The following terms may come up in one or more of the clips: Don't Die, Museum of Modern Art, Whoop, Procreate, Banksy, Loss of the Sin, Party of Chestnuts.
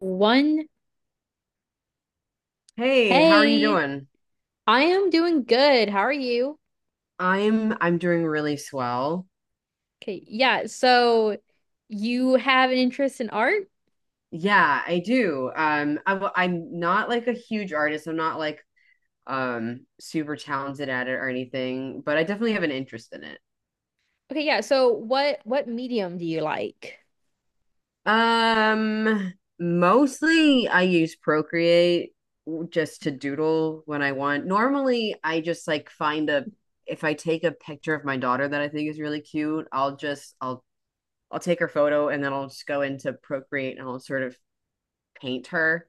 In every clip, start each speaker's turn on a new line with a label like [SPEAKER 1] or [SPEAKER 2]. [SPEAKER 1] One.
[SPEAKER 2] Hey, how are you
[SPEAKER 1] Hey,
[SPEAKER 2] doing?
[SPEAKER 1] I am doing good. How are you?
[SPEAKER 2] I'm doing really swell.
[SPEAKER 1] Okay, yeah. So you have an interest in art?
[SPEAKER 2] Yeah, I do. I'm not like a huge artist. I'm not like super talented at it or anything, but I definitely have an interest in it.
[SPEAKER 1] Okay, yeah. So what medium do you like?
[SPEAKER 2] Um, mostly I use Procreate just to doodle when I want. Normally, I just like find a if I take a picture of my daughter that I think is really cute, I'll just I'll take her photo and then I'll just go into Procreate and I'll sort of paint her.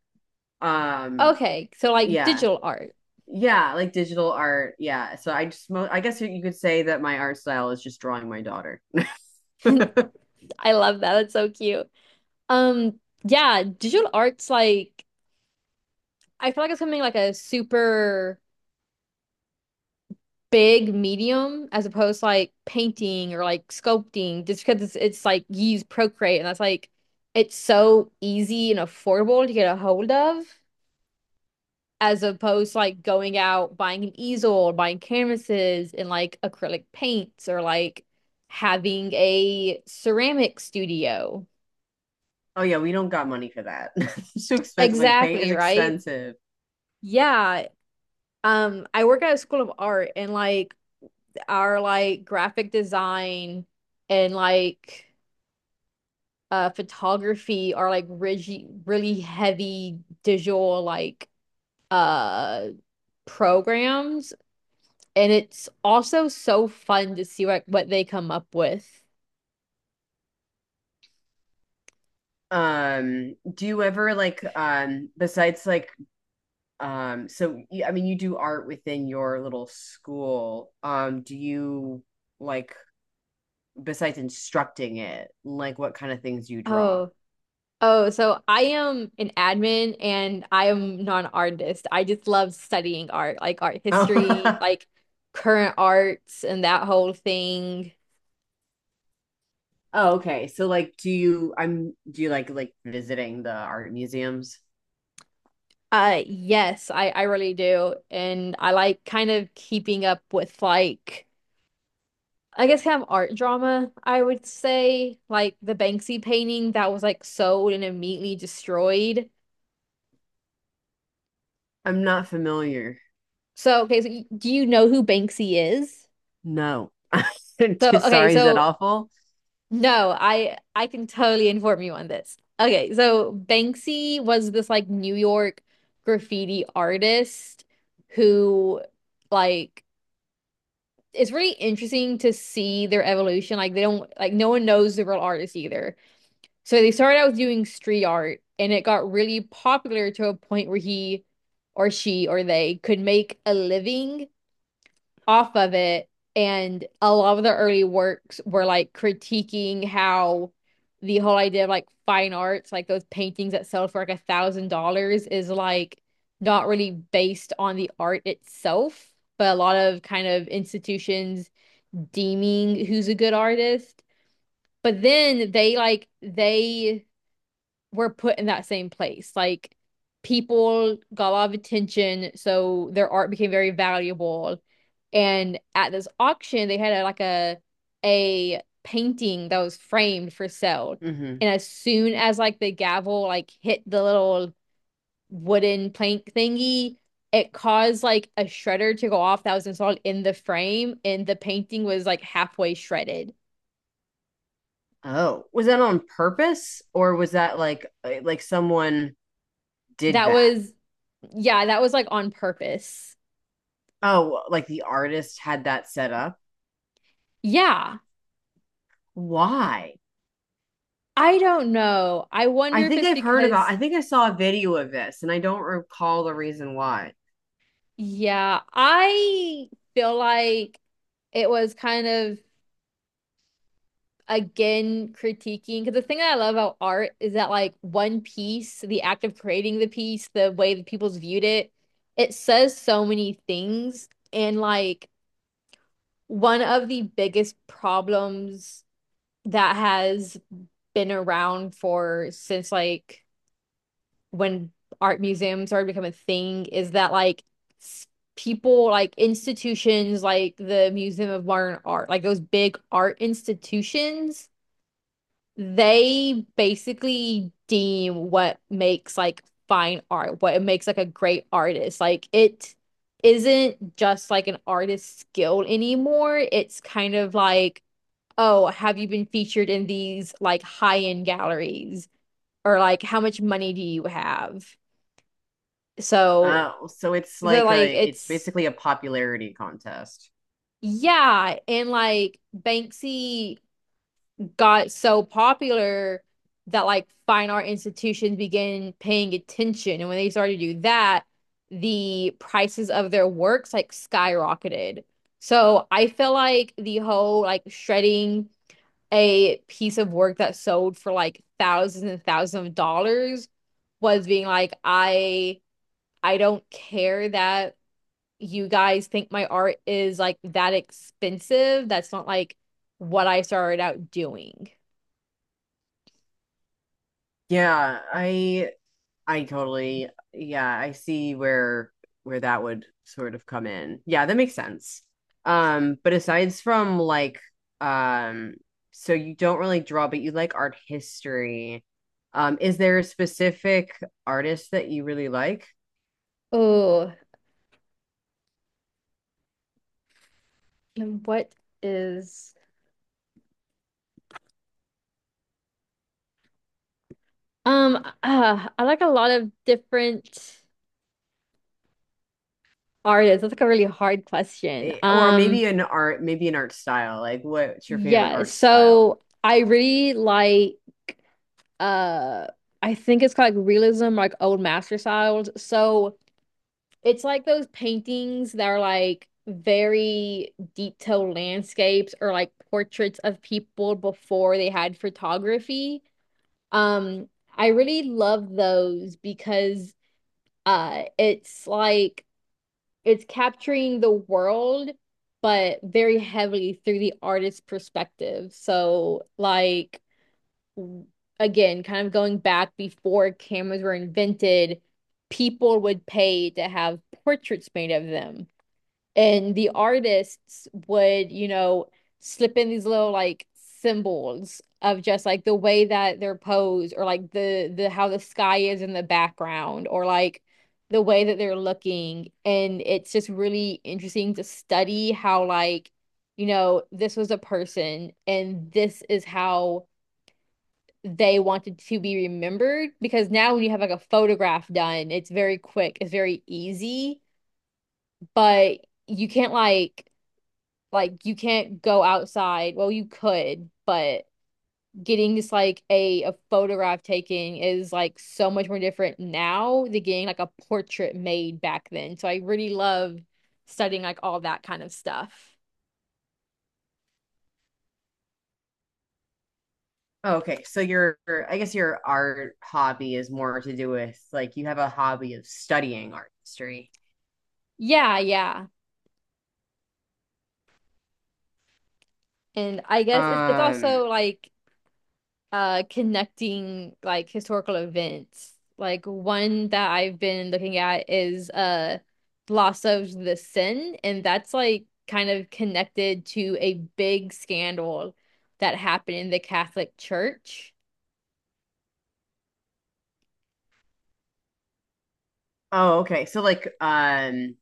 [SPEAKER 2] Um,
[SPEAKER 1] Okay, so like
[SPEAKER 2] yeah.
[SPEAKER 1] digital art.
[SPEAKER 2] Yeah, like digital art. Yeah. So I just mo I guess you could say that my art style is just drawing my daughter.
[SPEAKER 1] I love that. That's so cute. Um, yeah, digital art's like I feel like it's something like a super big medium as opposed to like painting or like sculpting just because it's like you use Procreate and that's like it's so easy and affordable to get a hold of. As opposed to like going out buying an easel or buying canvases and like acrylic paints or like having a ceramic studio.
[SPEAKER 2] Oh yeah, we don't got money for that. It's too expensive. Like paint
[SPEAKER 1] Exactly,
[SPEAKER 2] is
[SPEAKER 1] right?
[SPEAKER 2] expensive.
[SPEAKER 1] Yeah. I work at a school of art and like our like graphic design and like photography are like really really heavy digital like uh programs. And it's also so fun to see what they come up with.
[SPEAKER 2] Do you ever besides I mean, you do art within your little school. Do you, like besides instructing it, like what kind of things you draw?
[SPEAKER 1] Oh, oh, so I am an admin and I am not an artist. I just love studying art, like art history,
[SPEAKER 2] Oh.
[SPEAKER 1] like current arts and that whole thing.
[SPEAKER 2] Oh, okay. So do you like visiting the art museums?
[SPEAKER 1] Yes, I really do. And I like kind of keeping up with like I guess kind of art drama, I would say, like the Banksy painting that was like sold and immediately destroyed.
[SPEAKER 2] I'm not familiar.
[SPEAKER 1] So, okay, so do you know who Banksy is?
[SPEAKER 2] No.
[SPEAKER 1] So, okay,
[SPEAKER 2] Sorry, is that
[SPEAKER 1] so
[SPEAKER 2] awful?
[SPEAKER 1] no, I can totally inform you on this. Okay, so Banksy was this like New York graffiti artist who like it's really interesting to see their evolution. Like they don't like no one knows the real artist either. So they started out with doing street art and it got really popular to a point where he or she or they could make a living off of it. And a lot of the early works were like critiquing how the whole idea of like fine arts, like those paintings that sell for like $1,000, is like not really based on the art itself, but a lot of kind of institutions deeming who's a good artist. But then they like they were put in that same place. Like people got a lot of attention, so their art became very valuable. And at this auction, they had a, like a painting that was framed for sale.
[SPEAKER 2] Hmm.
[SPEAKER 1] And as soon as like the gavel like hit the little wooden plank thingy, it caused like a shredder to go off that was installed in the frame, and the painting was like halfway shredded.
[SPEAKER 2] Oh, was that on purpose or was that like someone did
[SPEAKER 1] That
[SPEAKER 2] that?
[SPEAKER 1] was, yeah, that was like on purpose.
[SPEAKER 2] Oh, like the artist had that set up?
[SPEAKER 1] Yeah,
[SPEAKER 2] Why?
[SPEAKER 1] I don't know. I
[SPEAKER 2] I
[SPEAKER 1] wonder if
[SPEAKER 2] think
[SPEAKER 1] it's
[SPEAKER 2] I've heard about,
[SPEAKER 1] because,
[SPEAKER 2] I think I saw a video of this and I don't recall the reason why.
[SPEAKER 1] yeah, I feel like it was kind of again critiquing because the thing that I love about art is that like one piece, the act of creating the piece, the way that people's viewed it, it says so many things. And like one of the biggest problems that has been around for since like when art museums started becoming a thing is that like people like institutions like the Museum of Modern Art, like those big art institutions, they basically deem what makes like fine art, what it makes like a great artist. Like it isn't just like an artist's skill anymore. It's kind of like, oh, have you been featured in these like high-end galleries? Or like how much money do you have? So
[SPEAKER 2] Oh, so it's
[SPEAKER 1] they're
[SPEAKER 2] like
[SPEAKER 1] like,
[SPEAKER 2] a it's basically a popularity contest.
[SPEAKER 1] yeah. And like Banksy got so popular that like fine art institutions began paying attention. And when they started to do that, the prices of their works like skyrocketed. So I feel like the whole like shredding a piece of work that sold for like thousands and thousands of dollars was being like, I don't care that you guys think my art is like that expensive. That's not like what I started out doing.
[SPEAKER 2] Yeah, I totally, yeah, I see where that would sort of come in. Yeah, that makes sense. But um, so you don't really draw, but you like art history. Is there a specific artist that you really like?
[SPEAKER 1] Oh, and what is um I like a lot of different artists. That's like a really hard question.
[SPEAKER 2] Eh, or maybe maybe an art style? Like, what's your favorite
[SPEAKER 1] Yeah,
[SPEAKER 2] art style?
[SPEAKER 1] so I really like uh I think it's called like realism, like old master styles. So it's like those paintings that are like very detailed landscapes or like portraits of people before they had photography. Um, I really love those because it's like it's capturing the world but very heavily through the artist's perspective. So like w- again, kind of going back before cameras were invented, people would pay to have portraits made of them and the artists would slip in these little like symbols of just like the way that they're posed or like the how the sky is in the background or like the way that they're looking and it's just really interesting to study how like this was a person and this is how they wanted to be remembered because now when you have like a photograph done it's very quick it's very easy but you can't like you can't go outside. Well, you could, but getting just like a photograph taken is like so much more different now than getting like a portrait made back then. So I really love studying like all that kind of stuff.
[SPEAKER 2] Oh, okay, I guess your art hobby is more to do with like you have a hobby of studying art history.
[SPEAKER 1] Yeah, yeah. And I guess it's
[SPEAKER 2] Um,
[SPEAKER 1] also like connecting like historical events. Like one that I've been looking at is Loss of the Sin, and that's like kind of connected to a big scandal that happened in the Catholic Church.
[SPEAKER 2] Oh, okay. So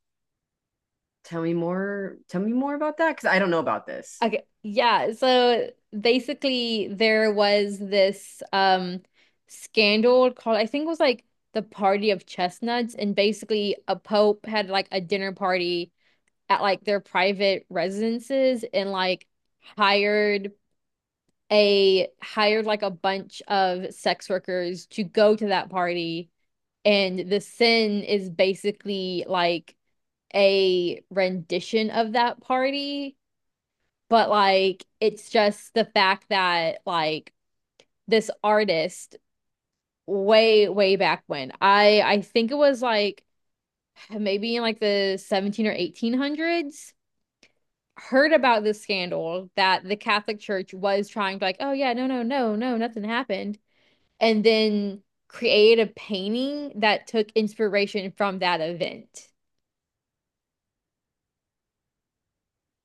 [SPEAKER 2] tell me more about that, because I don't know about this.
[SPEAKER 1] Okay, yeah, so basically there was this scandal called I think it was like the Party of Chestnuts, and basically a pope had like a dinner party at like their private residences and like hired hired like a bunch of sex workers to go to that party and the sin is basically like a rendition of that party but like it's just the fact that like this artist way way back when I think it was like maybe in like the 17 or 1800s heard about this scandal that the Catholic Church was trying to like, oh yeah, no, no, no, no, nothing happened, and then create a painting that took inspiration from that event.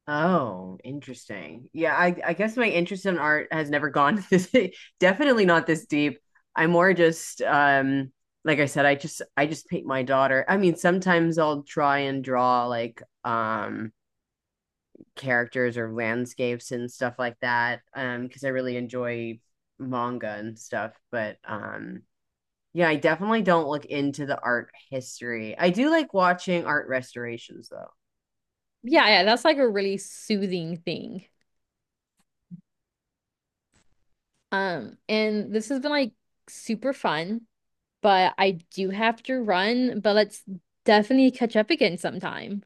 [SPEAKER 2] Oh, interesting. Yeah, I guess my interest in art has never gone this, definitely not this deep. I'm more just like I said, I just paint my daughter. I mean, sometimes I'll try and draw like characters or landscapes and stuff like that because I really enjoy manga and stuff, but yeah. I definitely don't look into the art history. I do like watching art restorations though.
[SPEAKER 1] Yeah, yeah, that's like a really soothing thing. And this has been like super fun, but I do have to run, but let's definitely catch up again sometime.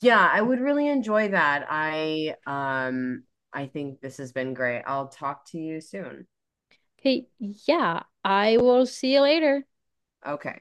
[SPEAKER 2] Yeah, I would really enjoy that. I think this has been great. I'll talk to you soon.
[SPEAKER 1] Okay, yeah, I will see you later.
[SPEAKER 2] Okay.